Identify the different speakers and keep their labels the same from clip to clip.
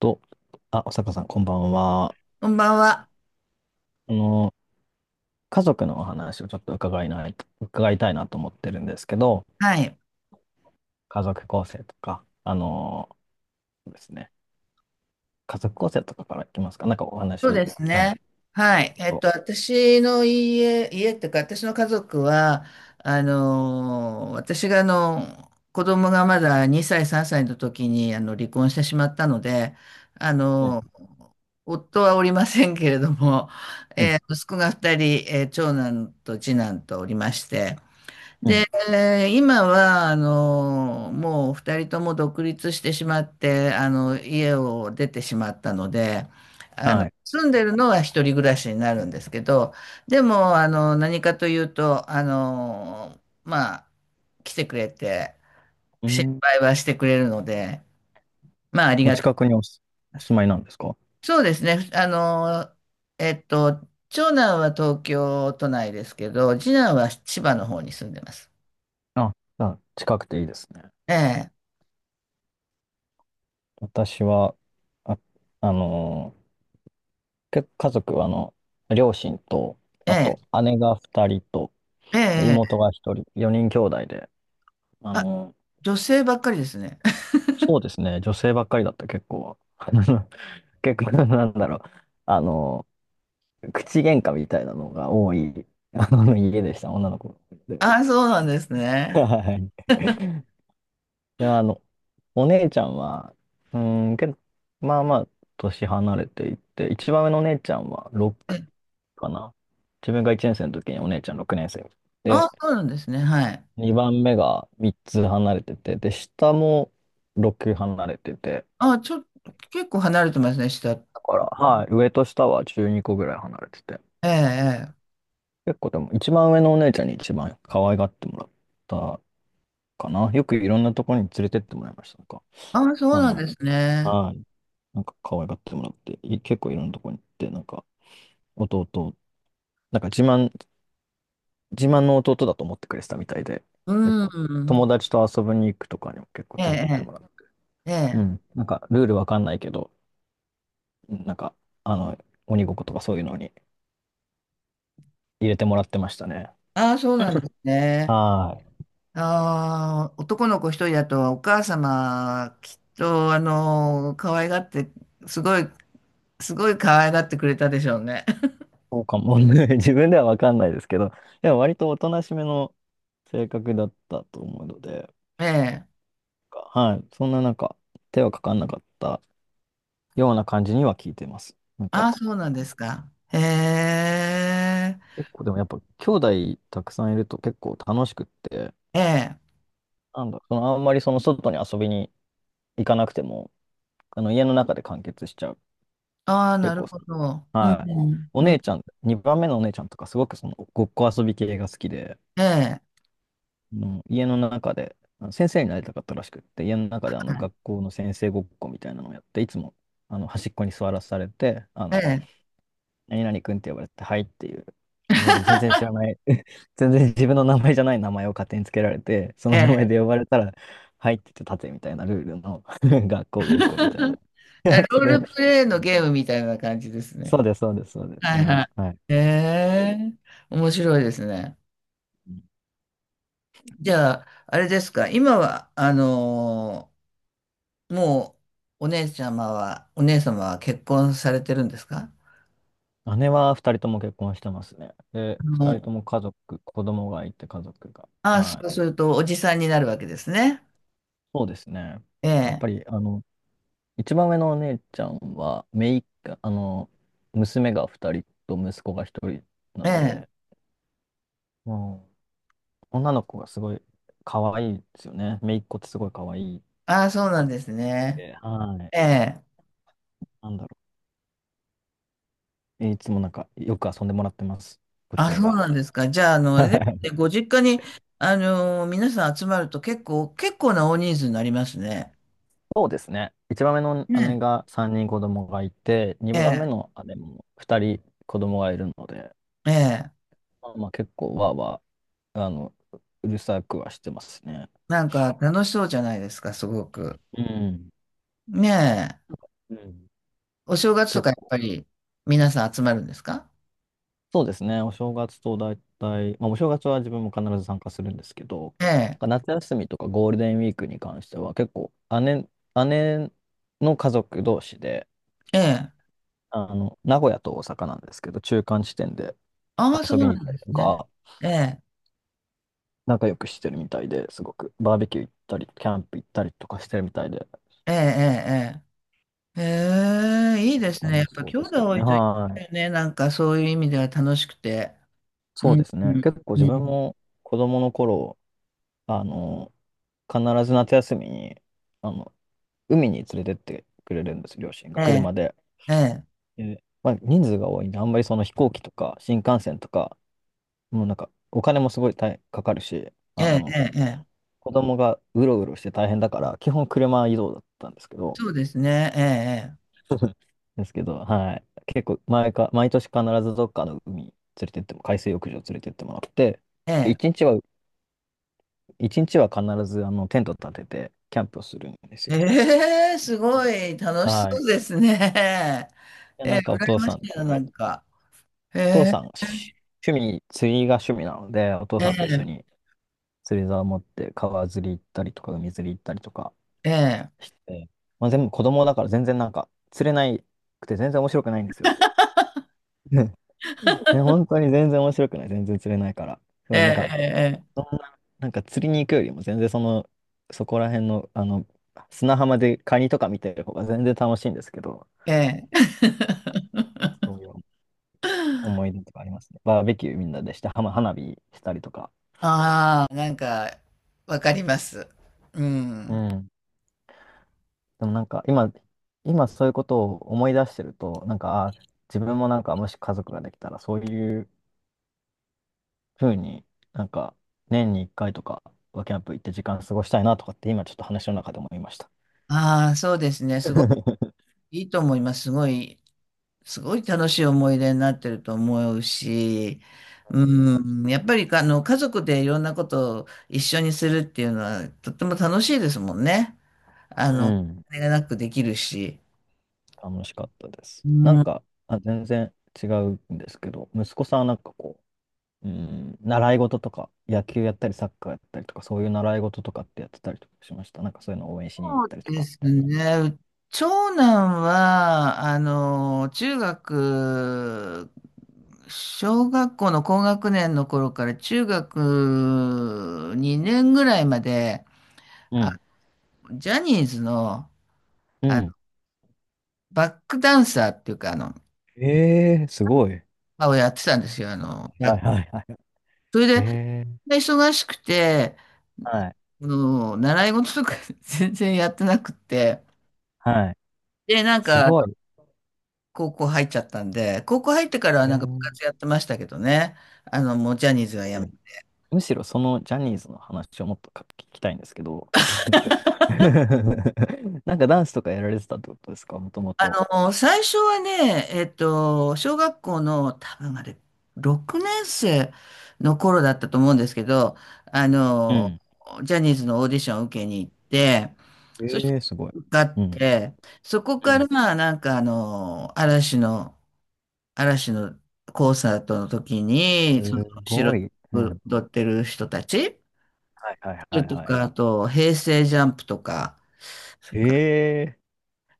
Speaker 1: と、あ、おさかさん、こんばんは。
Speaker 2: こんばんは。
Speaker 1: あの、家族のお話をちょっと伺いたいなと思ってるんですけど、
Speaker 2: はい。
Speaker 1: 家族構成とか、あの、ですね、家族構成とかからいきますか。なんかお
Speaker 2: そう
Speaker 1: 話、
Speaker 2: です
Speaker 1: はい、聞
Speaker 2: ね。は
Speaker 1: け
Speaker 2: い。
Speaker 1: ると。
Speaker 2: 私の家っていうか、私の家族は、私が子供がまだ2歳、3歳の時に、離婚してしまったので、あ
Speaker 1: うん、
Speaker 2: のー、夫はおりませんけれども、
Speaker 1: うん、
Speaker 2: 息子が2人、長男と次男とおりまして、
Speaker 1: う
Speaker 2: で、
Speaker 1: ん、
Speaker 2: 今は、もう二人とも独立してしまって、家を出てしまったので、
Speaker 1: はい。
Speaker 2: 住んでるのは一人暮らしになるんですけど、でも、何かというと、まあ、来てくれて、
Speaker 1: う
Speaker 2: 心
Speaker 1: ん、
Speaker 2: 配はしてくれるので、まあ、あり
Speaker 1: お
Speaker 2: がたい。
Speaker 1: 近くにお住、お住まいなんですか？
Speaker 2: そうですね、えっと、長男は東京都内ですけど、次男は千葉の方に住んでます。
Speaker 1: あ、じゃあ近くていいですね。
Speaker 2: ええ、
Speaker 1: 私は、あ、あの、家族は、両親と、
Speaker 2: え
Speaker 1: あ
Speaker 2: え、
Speaker 1: と姉が二人と、
Speaker 2: ええ、え
Speaker 1: 妹
Speaker 2: え。
Speaker 1: が一人、4人兄弟で、あの、
Speaker 2: 女性ばっかりですね。
Speaker 1: そうですね。女性ばっかりだった、結構は。結構、なんだろう。あの、口喧嘩みたいなのが多い、あの、家でした、女の子で。
Speaker 2: あ、そうなんです
Speaker 1: は
Speaker 2: ね。
Speaker 1: い。で、お姉ちゃんは、うーん、けど、まあまあ、年離れていて、一番上のお姉ちゃんは
Speaker 2: え
Speaker 1: 6かな。自分が1年生の時にお姉ちゃん6年生。
Speaker 2: あ、
Speaker 1: で、
Speaker 2: そうなんですね。はい。
Speaker 1: 2番目が3つ離れてて、で、下も6離れてて、
Speaker 2: あ、ちょっと、結構離れてますね、下。え
Speaker 1: だから、はい、上と下は12個ぐらい離れてて。
Speaker 2: え、ええ。
Speaker 1: 結構でも、一番上のお姉ちゃんに一番可愛がってもらったかな。よくいろんなところに連れてってもらいました。なんか、
Speaker 2: あ、そう
Speaker 1: あ
Speaker 2: なん
Speaker 1: の、
Speaker 2: ですね。
Speaker 1: はい、なんか可愛がってもらって、結構いろんなところに行って、なんか、弟、なんか自慢、自慢の弟だと思ってくれてたみたいで、
Speaker 2: う
Speaker 1: 結構、
Speaker 2: ん。
Speaker 1: 友達と遊びに行くとかにも結構
Speaker 2: え
Speaker 1: 連れてって
Speaker 2: え、
Speaker 1: もらう。
Speaker 2: ええ。
Speaker 1: うん、
Speaker 2: え
Speaker 1: なんか、ルールわかんないけど、なんか、あの、鬼ごっことかそういうのに入れてもらってましたね。
Speaker 2: あ、そうなんですね。
Speaker 1: はい。
Speaker 2: あー、男の子一人だと、お母様、きっと、可愛がって、すごい、すごい可愛がってくれたでしょうね。
Speaker 1: そうかもね。自分ではわかんないですけど、でも割とおとなしめの性格だったと思うので、
Speaker 2: ええ。
Speaker 1: はい、そんななんか手はかかんなかったような感じには聞いてます。なん
Speaker 2: あ、
Speaker 1: か
Speaker 2: そうなんですか。へえ。
Speaker 1: 結構でもやっぱ兄弟たくさんいると結構楽しくって、
Speaker 2: ええ。
Speaker 1: なんだ、そのあんまりその外に遊びに行かなくても、あの家の中で完結しちゃう。
Speaker 2: ああ、
Speaker 1: 結
Speaker 2: なる
Speaker 1: 構
Speaker 2: ほ
Speaker 1: その、
Speaker 2: ど。う
Speaker 1: はい。
Speaker 2: ん、
Speaker 1: お
Speaker 2: う
Speaker 1: 姉
Speaker 2: ん、
Speaker 1: ちゃん、2番目のお姉ちゃんとかすごくそのごっこ遊び系が好きで、
Speaker 2: ええ、
Speaker 1: の家の中で、あの先生になりたかったらしくって、家の中であの学校の先生ごっこみたいなのをやって、いつもあの端っこに座らされて、あ
Speaker 2: え
Speaker 1: の、
Speaker 2: え、
Speaker 1: 何々くんって呼ばれて、はいっていう、全然知らない、全然自分の名前じゃない名前を勝手につけられて、そ
Speaker 2: え
Speaker 1: の名
Speaker 2: え。
Speaker 1: 前で呼ばれたら、はいって言って立てみたいなルールの 学校ごっこみたいな や
Speaker 2: ロー
Speaker 1: つ
Speaker 2: ル
Speaker 1: で、
Speaker 2: プレイ
Speaker 1: う
Speaker 2: の
Speaker 1: ん、
Speaker 2: ゲームみたいな感じです
Speaker 1: そ
Speaker 2: ね。
Speaker 1: うです、そうです、そうです、そ
Speaker 2: はい
Speaker 1: れ
Speaker 2: は
Speaker 1: を、
Speaker 2: い。
Speaker 1: はい。
Speaker 2: ええ、面白いですね。じゃあ、あれですか、今は、あのーもう、お姉様は結婚されてるんですか？
Speaker 1: 姉は二人とも結婚してますね。で、
Speaker 2: あ
Speaker 1: 二人
Speaker 2: の、
Speaker 1: とも家族、子供がいて家族が。
Speaker 2: ああ、そ
Speaker 1: は
Speaker 2: う
Speaker 1: い。
Speaker 2: すると、おじさんになるわけですね。
Speaker 1: そうですね。
Speaker 2: え
Speaker 1: やっ
Speaker 2: え、
Speaker 1: ぱり、あの、一番上のお姉ちゃんは、姪っ子、あの、娘が二人と息子が一人な
Speaker 2: え
Speaker 1: の
Speaker 2: え。
Speaker 1: で、もう、女の子がすごい可愛いですよね。姪っ子ってすごい可愛いっ
Speaker 2: ああ、そうなんですね。
Speaker 1: て。は
Speaker 2: え
Speaker 1: い。
Speaker 2: え。
Speaker 1: なんだろう。いつもなんか、よく遊んでもらってます。こち
Speaker 2: あ、
Speaker 1: ら
Speaker 2: そう
Speaker 1: が。
Speaker 2: なんですか。じゃあ、あれです ね、ご実家に、皆さん集まると結構な大人数になりますね。
Speaker 1: そうですね。一番目の姉
Speaker 2: ね
Speaker 1: が3人子供がいて、二
Speaker 2: え。
Speaker 1: 番
Speaker 2: え
Speaker 1: 目の姉も2人子供がいるので、
Speaker 2: え。ええ。
Speaker 1: まあ、まあ結構わーわー、あの、うるさくはしてますね。
Speaker 2: なんか、楽しそうじゃないですか、すごく。
Speaker 1: うん。
Speaker 2: ねえ。
Speaker 1: うん。
Speaker 2: お正月と
Speaker 1: 結
Speaker 2: か、やっ
Speaker 1: 構。
Speaker 2: ぱり、皆さん集まるんですか？
Speaker 1: そうですね。お正月と大体、まあお正月は自分も必ず参加するんですけど、
Speaker 2: え
Speaker 1: なん
Speaker 2: え。
Speaker 1: か夏休みとかゴールデンウィークに関しては結構姉、姉の家族同士で、
Speaker 2: ええ。
Speaker 1: あの、名古屋と大阪なんですけど、中間地点で
Speaker 2: ああ、そう
Speaker 1: 遊び
Speaker 2: なん
Speaker 1: に行った
Speaker 2: で
Speaker 1: りと
Speaker 2: すね。
Speaker 1: か、
Speaker 2: ええ。
Speaker 1: 仲良くしてるみたいですごく、バーベキュー行ったり、キャンプ行ったりとかしてるみたいで、
Speaker 2: ええ、ええ、ええ。ええ、いいですね。や
Speaker 1: 楽
Speaker 2: っ
Speaker 1: し
Speaker 2: ぱ、
Speaker 1: そう
Speaker 2: 兄
Speaker 1: ですけ
Speaker 2: 弟
Speaker 1: ど
Speaker 2: 多
Speaker 1: ね。
Speaker 2: いといい
Speaker 1: は
Speaker 2: ですよ
Speaker 1: い。
Speaker 2: ね。なんか、そういう意味では楽しくて。
Speaker 1: そ
Speaker 2: う
Speaker 1: う
Speaker 2: ん。
Speaker 1: です
Speaker 2: う
Speaker 1: ね。
Speaker 2: ん。
Speaker 1: 結構
Speaker 2: う
Speaker 1: 自分
Speaker 2: ん、
Speaker 1: も子供の頃、あの、必ず夏休みに、あの、海に連れてってくれるんです、両親が、
Speaker 2: ええ。
Speaker 1: 車で。
Speaker 2: ええ。
Speaker 1: でまあ、人数が多いんで、あんまりその飛行機とか新幹線とか、もうなんか、お金もすごい大かかるし、
Speaker 2: え
Speaker 1: あ
Speaker 2: え。え
Speaker 1: の、
Speaker 2: え。ええ、
Speaker 1: 子供がうろうろして大変だから、基本車移動だったんですけど、
Speaker 2: そうですね。え
Speaker 1: ですけど、はい。結構毎年必ずどっかの海水浴場連れてってもらって、
Speaker 2: え、え
Speaker 1: で、
Speaker 2: え、
Speaker 1: 一日は必ずあのテント立ててキャンプをするんです
Speaker 2: ええ、
Speaker 1: よ。
Speaker 2: ええ、すご
Speaker 1: で、
Speaker 2: い楽しそ
Speaker 1: はい。
Speaker 2: うですね。
Speaker 1: で、
Speaker 2: ええ、
Speaker 1: なんかお父
Speaker 2: 羨ま
Speaker 1: さ
Speaker 2: しい
Speaker 1: ん
Speaker 2: な、な
Speaker 1: と、
Speaker 2: んか。え
Speaker 1: お父
Speaker 2: え、
Speaker 1: さん、し趣味、釣りが趣味なので、お父
Speaker 2: え
Speaker 1: さんと一
Speaker 2: え、
Speaker 1: 緒に釣り竿を持って川釣り行ったりとか、海釣り行ったりとか
Speaker 2: ええ、
Speaker 1: して、まあ、全部子供だから全然なんか釣れなくて全然面白くないんですよ。ね、本当に全然面白くない。全然釣れないから。そ
Speaker 2: え
Speaker 1: う、なんか、
Speaker 2: え、
Speaker 1: そんな、なんか釣りに行くよりも全然その、そこら辺の、あの、砂浜でカニとか見てる方が全然楽しいんですけど、
Speaker 2: ええ、え
Speaker 1: そ
Speaker 2: え
Speaker 1: ういう思い出とかありますね。バーベキューみんなでして、はま花火したりとか。
Speaker 2: ああ、なんか、わかります。う
Speaker 1: う
Speaker 2: ん。
Speaker 1: ん。でもなんか今、今そういうことを思い出してると、なんか、あ、自分もなんかもし家族ができたら、そういうふうになんか年に1回とかはキャンプ行って時間過ごしたいなとかって今ちょっと話の中で思いました。
Speaker 2: ああ、そうですね。すご いいいと思います。すごい楽しい思い出になってると思うし、うん、やっぱりあの家族でいろんなことを一緒にするっていうのはとっても楽しいですもんね。
Speaker 1: う
Speaker 2: あ
Speaker 1: ん。
Speaker 2: れがなくできるし。
Speaker 1: 楽しかったです。
Speaker 2: う
Speaker 1: なん
Speaker 2: ん、
Speaker 1: か、あ、全然違うんですけど、息子さんはなんかこう、うん、習い事とか、野球やったり、サッカーやったりとか、そういう習い事とかってやってたりとかしました。なんかそういうのを応援しに行っ
Speaker 2: そう
Speaker 1: たりと
Speaker 2: で
Speaker 1: か、
Speaker 2: す
Speaker 1: みたいな。
Speaker 2: ね。長男は、小学校の高学年の頃から中学2年ぐらいまで、
Speaker 1: うん。
Speaker 2: ジャニーズの
Speaker 1: うん。
Speaker 2: バックダンサーっていうか、あの、
Speaker 1: ええー、すごい。
Speaker 2: あをやってたんですよ。あの、
Speaker 1: は
Speaker 2: や
Speaker 1: いはいはい。
Speaker 2: それで、
Speaker 1: ええー、
Speaker 2: 忙しくて、
Speaker 1: はい。
Speaker 2: 習い事とか 全然やってなくて、
Speaker 1: はい。
Speaker 2: で、なん
Speaker 1: す
Speaker 2: か、
Speaker 1: ごい。
Speaker 2: 高校入っちゃったんで、高校入ってからは
Speaker 1: え
Speaker 2: なんか部
Speaker 1: ー、
Speaker 2: 活やってましたけどね。あの、もうジャニーズはやめ
Speaker 1: むしろそのジャニーズの話をもっとか聞きたいんですけど、なんかダンスとかやられてたってことですか、もとも
Speaker 2: あ
Speaker 1: と。
Speaker 2: の、最初はね、小学校の多分あれ、6年生の頃だったと思うんですけど、あ
Speaker 1: う
Speaker 2: の、
Speaker 1: ん。
Speaker 2: ジャニーズのオーディションを受けに行って、そして
Speaker 1: ええ、すごい。
Speaker 2: 受かっ
Speaker 1: うん。
Speaker 2: て、そこ
Speaker 1: う
Speaker 2: か
Speaker 1: ん。
Speaker 2: らなんかあの、嵐の、嵐のコンサートの時に、その
Speaker 1: す
Speaker 2: 後ろ
Speaker 1: ご
Speaker 2: に
Speaker 1: い。う
Speaker 2: 踊
Speaker 1: ん。
Speaker 2: ってる人たち
Speaker 1: はいはいはい
Speaker 2: と
Speaker 1: はい。
Speaker 2: か、あと、平成ジャンプとか、それから
Speaker 1: ええ、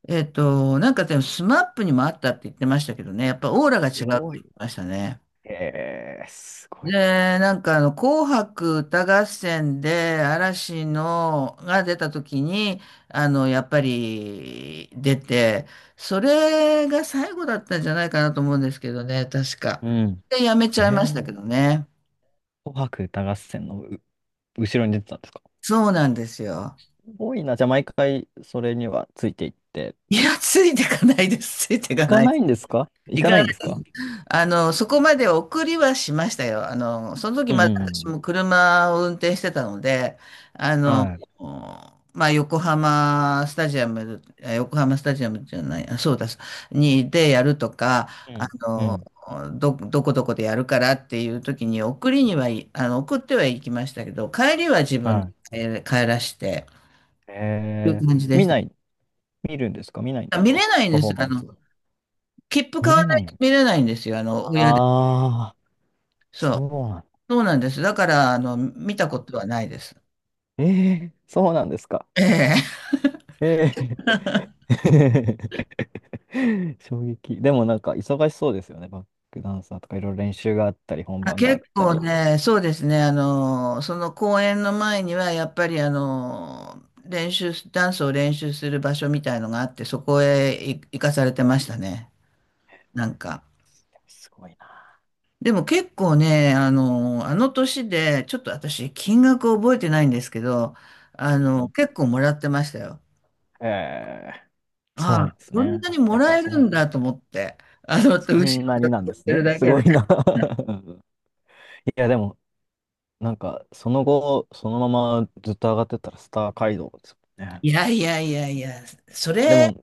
Speaker 2: でもスマップにもあったって言ってましたけどね、やっぱオーラが違
Speaker 1: す
Speaker 2: うって
Speaker 1: ごい
Speaker 2: 言っ
Speaker 1: ね。
Speaker 2: てましたね。
Speaker 1: ええ、すご
Speaker 2: で、
Speaker 1: いな。
Speaker 2: 紅白歌合戦で嵐のが出た時に、やっぱり出て、それが最後だったんじゃないかなと思うんですけどね、確か。
Speaker 1: う
Speaker 2: で、やめちゃいましたけ
Speaker 1: ん。ええ、
Speaker 2: どね。
Speaker 1: 紅白歌合戦の後ろに出てたんですか？
Speaker 2: そうなんですよ。
Speaker 1: すごいな。じゃあ毎回それにはついていって。
Speaker 2: いや、ついてかないです。ついて
Speaker 1: 行
Speaker 2: か
Speaker 1: か
Speaker 2: ない。
Speaker 1: ないんですか？行
Speaker 2: 行
Speaker 1: かな
Speaker 2: か
Speaker 1: いんですか？
Speaker 2: あの、そこまで送りはしましたよ。その時
Speaker 1: うん
Speaker 2: まだ
Speaker 1: うんう
Speaker 2: 私
Speaker 1: ん。
Speaker 2: も車を運転してたので、あの、
Speaker 1: は
Speaker 2: 横浜スタジアム、横浜スタジアムじゃない、あ、そうだ、に、でやるとか、
Speaker 1: い。う
Speaker 2: あ
Speaker 1: ん。う
Speaker 2: の、
Speaker 1: ん。
Speaker 2: どこどこでやるからっていう時に送りに、はい、送ってはいきましたけど、帰りは自分で
Speaker 1: はい。
Speaker 2: 帰らして、
Speaker 1: え
Speaker 2: とい
Speaker 1: え、
Speaker 2: う感じで
Speaker 1: 見
Speaker 2: した。
Speaker 1: ない、見るんですか？見ないんです
Speaker 2: 見
Speaker 1: か？
Speaker 2: れないん
Speaker 1: パ
Speaker 2: で
Speaker 1: フ
Speaker 2: す
Speaker 1: ォー
Speaker 2: よ。
Speaker 1: マ
Speaker 2: あ
Speaker 1: ン
Speaker 2: の、
Speaker 1: ス。
Speaker 2: 切符買
Speaker 1: 見
Speaker 2: わ
Speaker 1: れ
Speaker 2: な
Speaker 1: な
Speaker 2: いと
Speaker 1: い。
Speaker 2: 見れないんですよ。あの、親で。
Speaker 1: ああ、
Speaker 2: そ
Speaker 1: そ
Speaker 2: う。
Speaker 1: うなん
Speaker 2: そうなんです。だから、あの、見たこ
Speaker 1: だ。
Speaker 2: とはないです。
Speaker 1: ええ、そうなんですか。
Speaker 2: ええ。
Speaker 1: え え 衝撃。でもなんか忙しそうですよね。バックダンサーとかいろいろ練習があったり、本
Speaker 2: あ、
Speaker 1: 番があ
Speaker 2: 結
Speaker 1: った
Speaker 2: 構
Speaker 1: り。
Speaker 2: ね、そうですね、その公演の前には、やっぱり、あの、練習す、ダンスを練習する場所みたいのがあって、そこへ行かされてましたね、なんか。
Speaker 1: すごいな。
Speaker 2: でも結構ね、あの年で、ちょっと私、金額覚えてないんですけど、あ
Speaker 1: う
Speaker 2: の、
Speaker 1: ん、
Speaker 2: 結構もらってましたよ。
Speaker 1: ええ、そう
Speaker 2: あ
Speaker 1: なん
Speaker 2: あ、
Speaker 1: です
Speaker 2: こん
Speaker 1: ね。
Speaker 2: なにも
Speaker 1: やっぱ
Speaker 2: ら
Speaker 1: り
Speaker 2: え
Speaker 1: そ
Speaker 2: る
Speaker 1: う、
Speaker 2: んだと思って、あの、後
Speaker 1: そ
Speaker 2: ろで
Speaker 1: んなになん
Speaker 2: 踊
Speaker 1: で
Speaker 2: っ
Speaker 1: す
Speaker 2: てる
Speaker 1: ね。
Speaker 2: だ
Speaker 1: す
Speaker 2: け
Speaker 1: ご
Speaker 2: で。
Speaker 1: いな。いや、でも、なんか、その後、そのままずっと上がってったらスター街道ですもんね。
Speaker 2: いやいやいやいや、そ
Speaker 1: で
Speaker 2: れが、
Speaker 1: も、す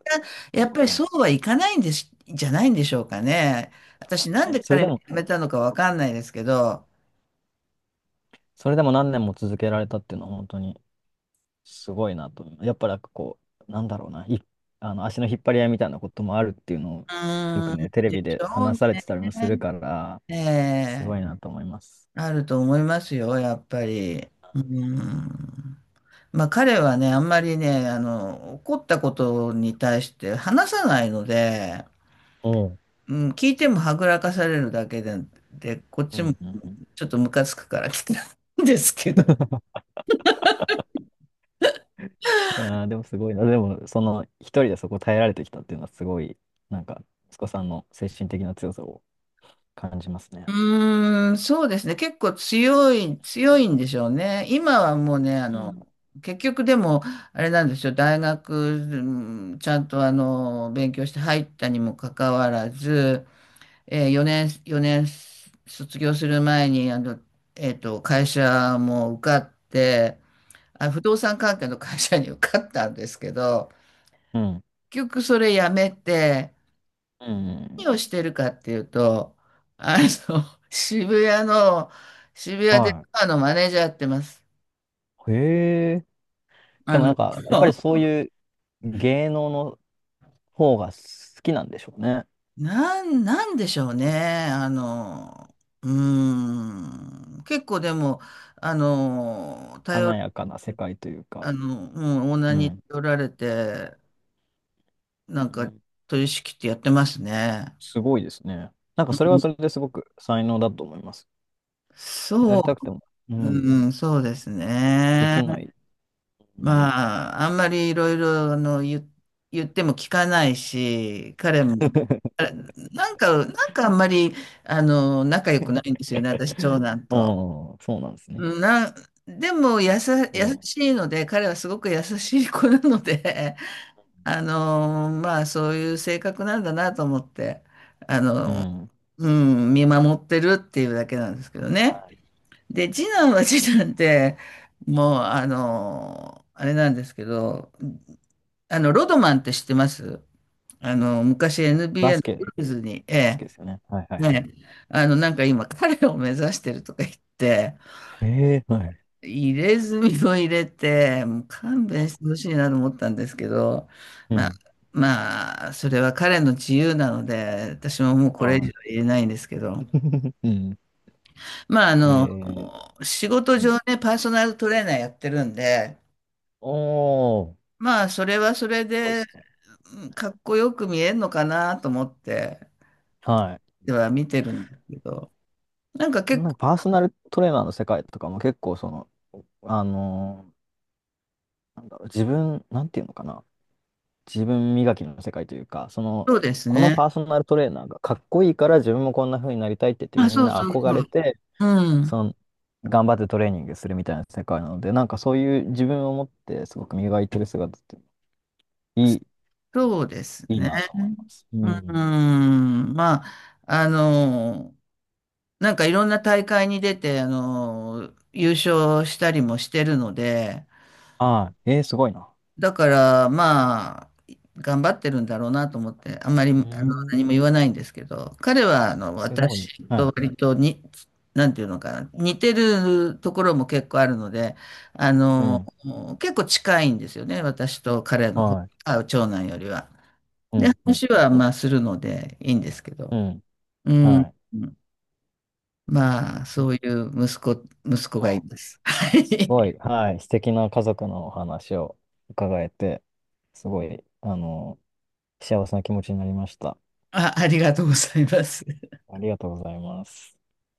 Speaker 1: ご
Speaker 2: やっ
Speaker 1: い、
Speaker 2: ぱり
Speaker 1: はい。
Speaker 2: そうはいかないんです、じゃないんでしょうかね。私、なん
Speaker 1: ね、
Speaker 2: で
Speaker 1: それ
Speaker 2: 彼
Speaker 1: で
Speaker 2: が
Speaker 1: も、
Speaker 2: 辞めたのかわかんないですけど。
Speaker 1: それでも何年も続けられたっていうのは本当に、すごいなと。やっぱなんかこう、なんだろうな、い、あの足の引っ張り合いみたいなこともあるっていうのを
Speaker 2: う
Speaker 1: よ
Speaker 2: ー
Speaker 1: く
Speaker 2: ん、
Speaker 1: ね、テレ
Speaker 2: で
Speaker 1: ビ
Speaker 2: し
Speaker 1: で
Speaker 2: ょう
Speaker 1: 話され
Speaker 2: ね。
Speaker 1: てたりもするから、
Speaker 2: え
Speaker 1: す
Speaker 2: え、
Speaker 1: ごいなと思います。
Speaker 2: あると思いますよ、やっぱり。うん。まあ、彼はね、あんまりね、怒ったことに対して話さないので、
Speaker 1: おう。
Speaker 2: うん、聞いてもはぐらかされるだけで、で、こっ
Speaker 1: う
Speaker 2: ちも
Speaker 1: んうんうん。い
Speaker 2: ちょっとムカつくから来たんですけど。
Speaker 1: やー、でもすごいな。でも、その、一人でそこ耐えられてきたっていうのはすごい、なんか、息子さんの精神的な強さを感じますね。
Speaker 2: うーん、そうですね。結構強い、強いんでしょうね。今はもうね、あ
Speaker 1: う
Speaker 2: の、
Speaker 1: ん。
Speaker 2: 結局でも、あれなんですよ。大学、うんちゃんと勉強して入ったにもかかわらず、え4年、4年卒業する前に、会社も受かって、あ、不動産関係の会社に受かったんですけど、
Speaker 1: うん。
Speaker 2: 結局それ辞めて、
Speaker 1: うん。
Speaker 2: 何をしてるかっていうと、あの、渋谷の、渋谷で
Speaker 1: は
Speaker 2: バーのマネージャーやってます。
Speaker 1: い。へえ。
Speaker 2: あ
Speaker 1: でもな
Speaker 2: の、
Speaker 1: んか、やっぱりそう いう芸能の方が好きなんでしょうね。
Speaker 2: なんでしょうね。あの、うーん、結構でも、あの、頼
Speaker 1: 華
Speaker 2: る、
Speaker 1: やかな世界というか、
Speaker 2: あの、うん、オーナー
Speaker 1: う
Speaker 2: に
Speaker 1: ん、
Speaker 2: 頼られて、なん
Speaker 1: う
Speaker 2: か、
Speaker 1: ん。
Speaker 2: 取り仕切ってやってますね。
Speaker 1: すごいですね。なんか
Speaker 2: う
Speaker 1: それは
Speaker 2: ん
Speaker 1: それですごく才能だと思います。や
Speaker 2: そ
Speaker 1: りたくても、うん、
Speaker 2: そうです
Speaker 1: で
Speaker 2: ね。
Speaker 1: きない。うん。
Speaker 2: まあ、あんまりいろいろあの言、言っても聞かないし、彼も、あれなんか、あんまりあの仲良くないんですよね、私、長 男
Speaker 1: う
Speaker 2: と。
Speaker 1: ん、そうなんですね。
Speaker 2: うんな、でも
Speaker 1: で
Speaker 2: 優
Speaker 1: も、
Speaker 2: しいので、彼はすごく優しい子なので、まあ、そういう性格なんだなと思って、あ
Speaker 1: う
Speaker 2: の、
Speaker 1: ん。はい。
Speaker 2: うん、見守ってるっていうだけなんですけどね。で、次男は次男で、もう、あれなんですけど、あの、ロドマンって知ってます？あの、昔
Speaker 1: バ
Speaker 2: NBA
Speaker 1: ス
Speaker 2: のブ
Speaker 1: ケ、
Speaker 2: ルーズに、
Speaker 1: バス
Speaker 2: え
Speaker 1: ケですよね。はいはい
Speaker 2: え、
Speaker 1: はい。
Speaker 2: ね、なんか今彼を目指してるとか言って、
Speaker 1: えー、はい。
Speaker 2: 入れ墨を入れて、もう勘弁してほしいなと思ったんですけど、
Speaker 1: う
Speaker 2: まあ、
Speaker 1: ん。
Speaker 2: まあ、それは彼の自由なので、私ももうこれ以上
Speaker 1: は
Speaker 2: 言えないんですけ
Speaker 1: い。
Speaker 2: ど、
Speaker 1: うん。
Speaker 2: まあ、
Speaker 1: えー、
Speaker 2: 仕事
Speaker 1: うん。
Speaker 2: 上ね、パーソナルトレーナーやってるんで、
Speaker 1: おー、す
Speaker 2: まあ、それはそれ
Speaker 1: ごいで
Speaker 2: で、
Speaker 1: すね。
Speaker 2: うん、かっこよく見えるのかなと思って、
Speaker 1: は
Speaker 2: では見てるんですけど、なんか
Speaker 1: い。
Speaker 2: 結
Speaker 1: なんか
Speaker 2: 構
Speaker 1: パーソナルトレーナーの世界とかも結構その、あのー、なんだろう、自分、なんていうのかな。自分磨きの世界というか、その、
Speaker 2: そうです
Speaker 1: この
Speaker 2: ね。
Speaker 1: パーソナルトレーナーがかっこいいから自分もこんな風になりたいって言って
Speaker 2: あ、
Speaker 1: みん
Speaker 2: そう
Speaker 1: な
Speaker 2: そう
Speaker 1: 憧
Speaker 2: そ
Speaker 1: れ
Speaker 2: う。
Speaker 1: て、
Speaker 2: うん。
Speaker 1: その、頑張ってトレーニングするみたいな世界なので、なんかそういう自分を持ってすごく磨いてる姿っていい、
Speaker 2: そうです
Speaker 1: いい
Speaker 2: ね。
Speaker 1: なと思います。う
Speaker 2: う
Speaker 1: ん。
Speaker 2: ん。まあ、なんかいろんな大会に出て、優勝したりもしてるので、
Speaker 1: ああ、えー、すごいな。
Speaker 2: だから、まあ、頑張ってるんだろうなと思って、あんまり、
Speaker 1: うん、
Speaker 2: 何も言わないんですけど、彼は、
Speaker 1: すごい。
Speaker 2: 私
Speaker 1: は
Speaker 2: と
Speaker 1: い。
Speaker 2: 割とに、なんていうのかな、似てるところも結構あるので、あ
Speaker 1: う
Speaker 2: の、
Speaker 1: ん。
Speaker 2: 結構近いんですよね、私と彼の方、
Speaker 1: はい。
Speaker 2: あ、長男よりは。
Speaker 1: う
Speaker 2: で、
Speaker 1: ん、うん、
Speaker 2: 話
Speaker 1: うん。
Speaker 2: は、まあ、するのでいいんですけど、
Speaker 1: うん。
Speaker 2: う
Speaker 1: は
Speaker 2: ん、
Speaker 1: い。
Speaker 2: まあ、
Speaker 1: う
Speaker 2: そう
Speaker 1: ん、
Speaker 2: いう息子がい
Speaker 1: はい、
Speaker 2: ます。は
Speaker 1: すご
Speaker 2: い。
Speaker 1: い、はい、素敵な家族のお話を伺えて、すごい、あの、幸せな気持ちになりました。
Speaker 2: あ、ありがとうございます。
Speaker 1: ありがとうございます。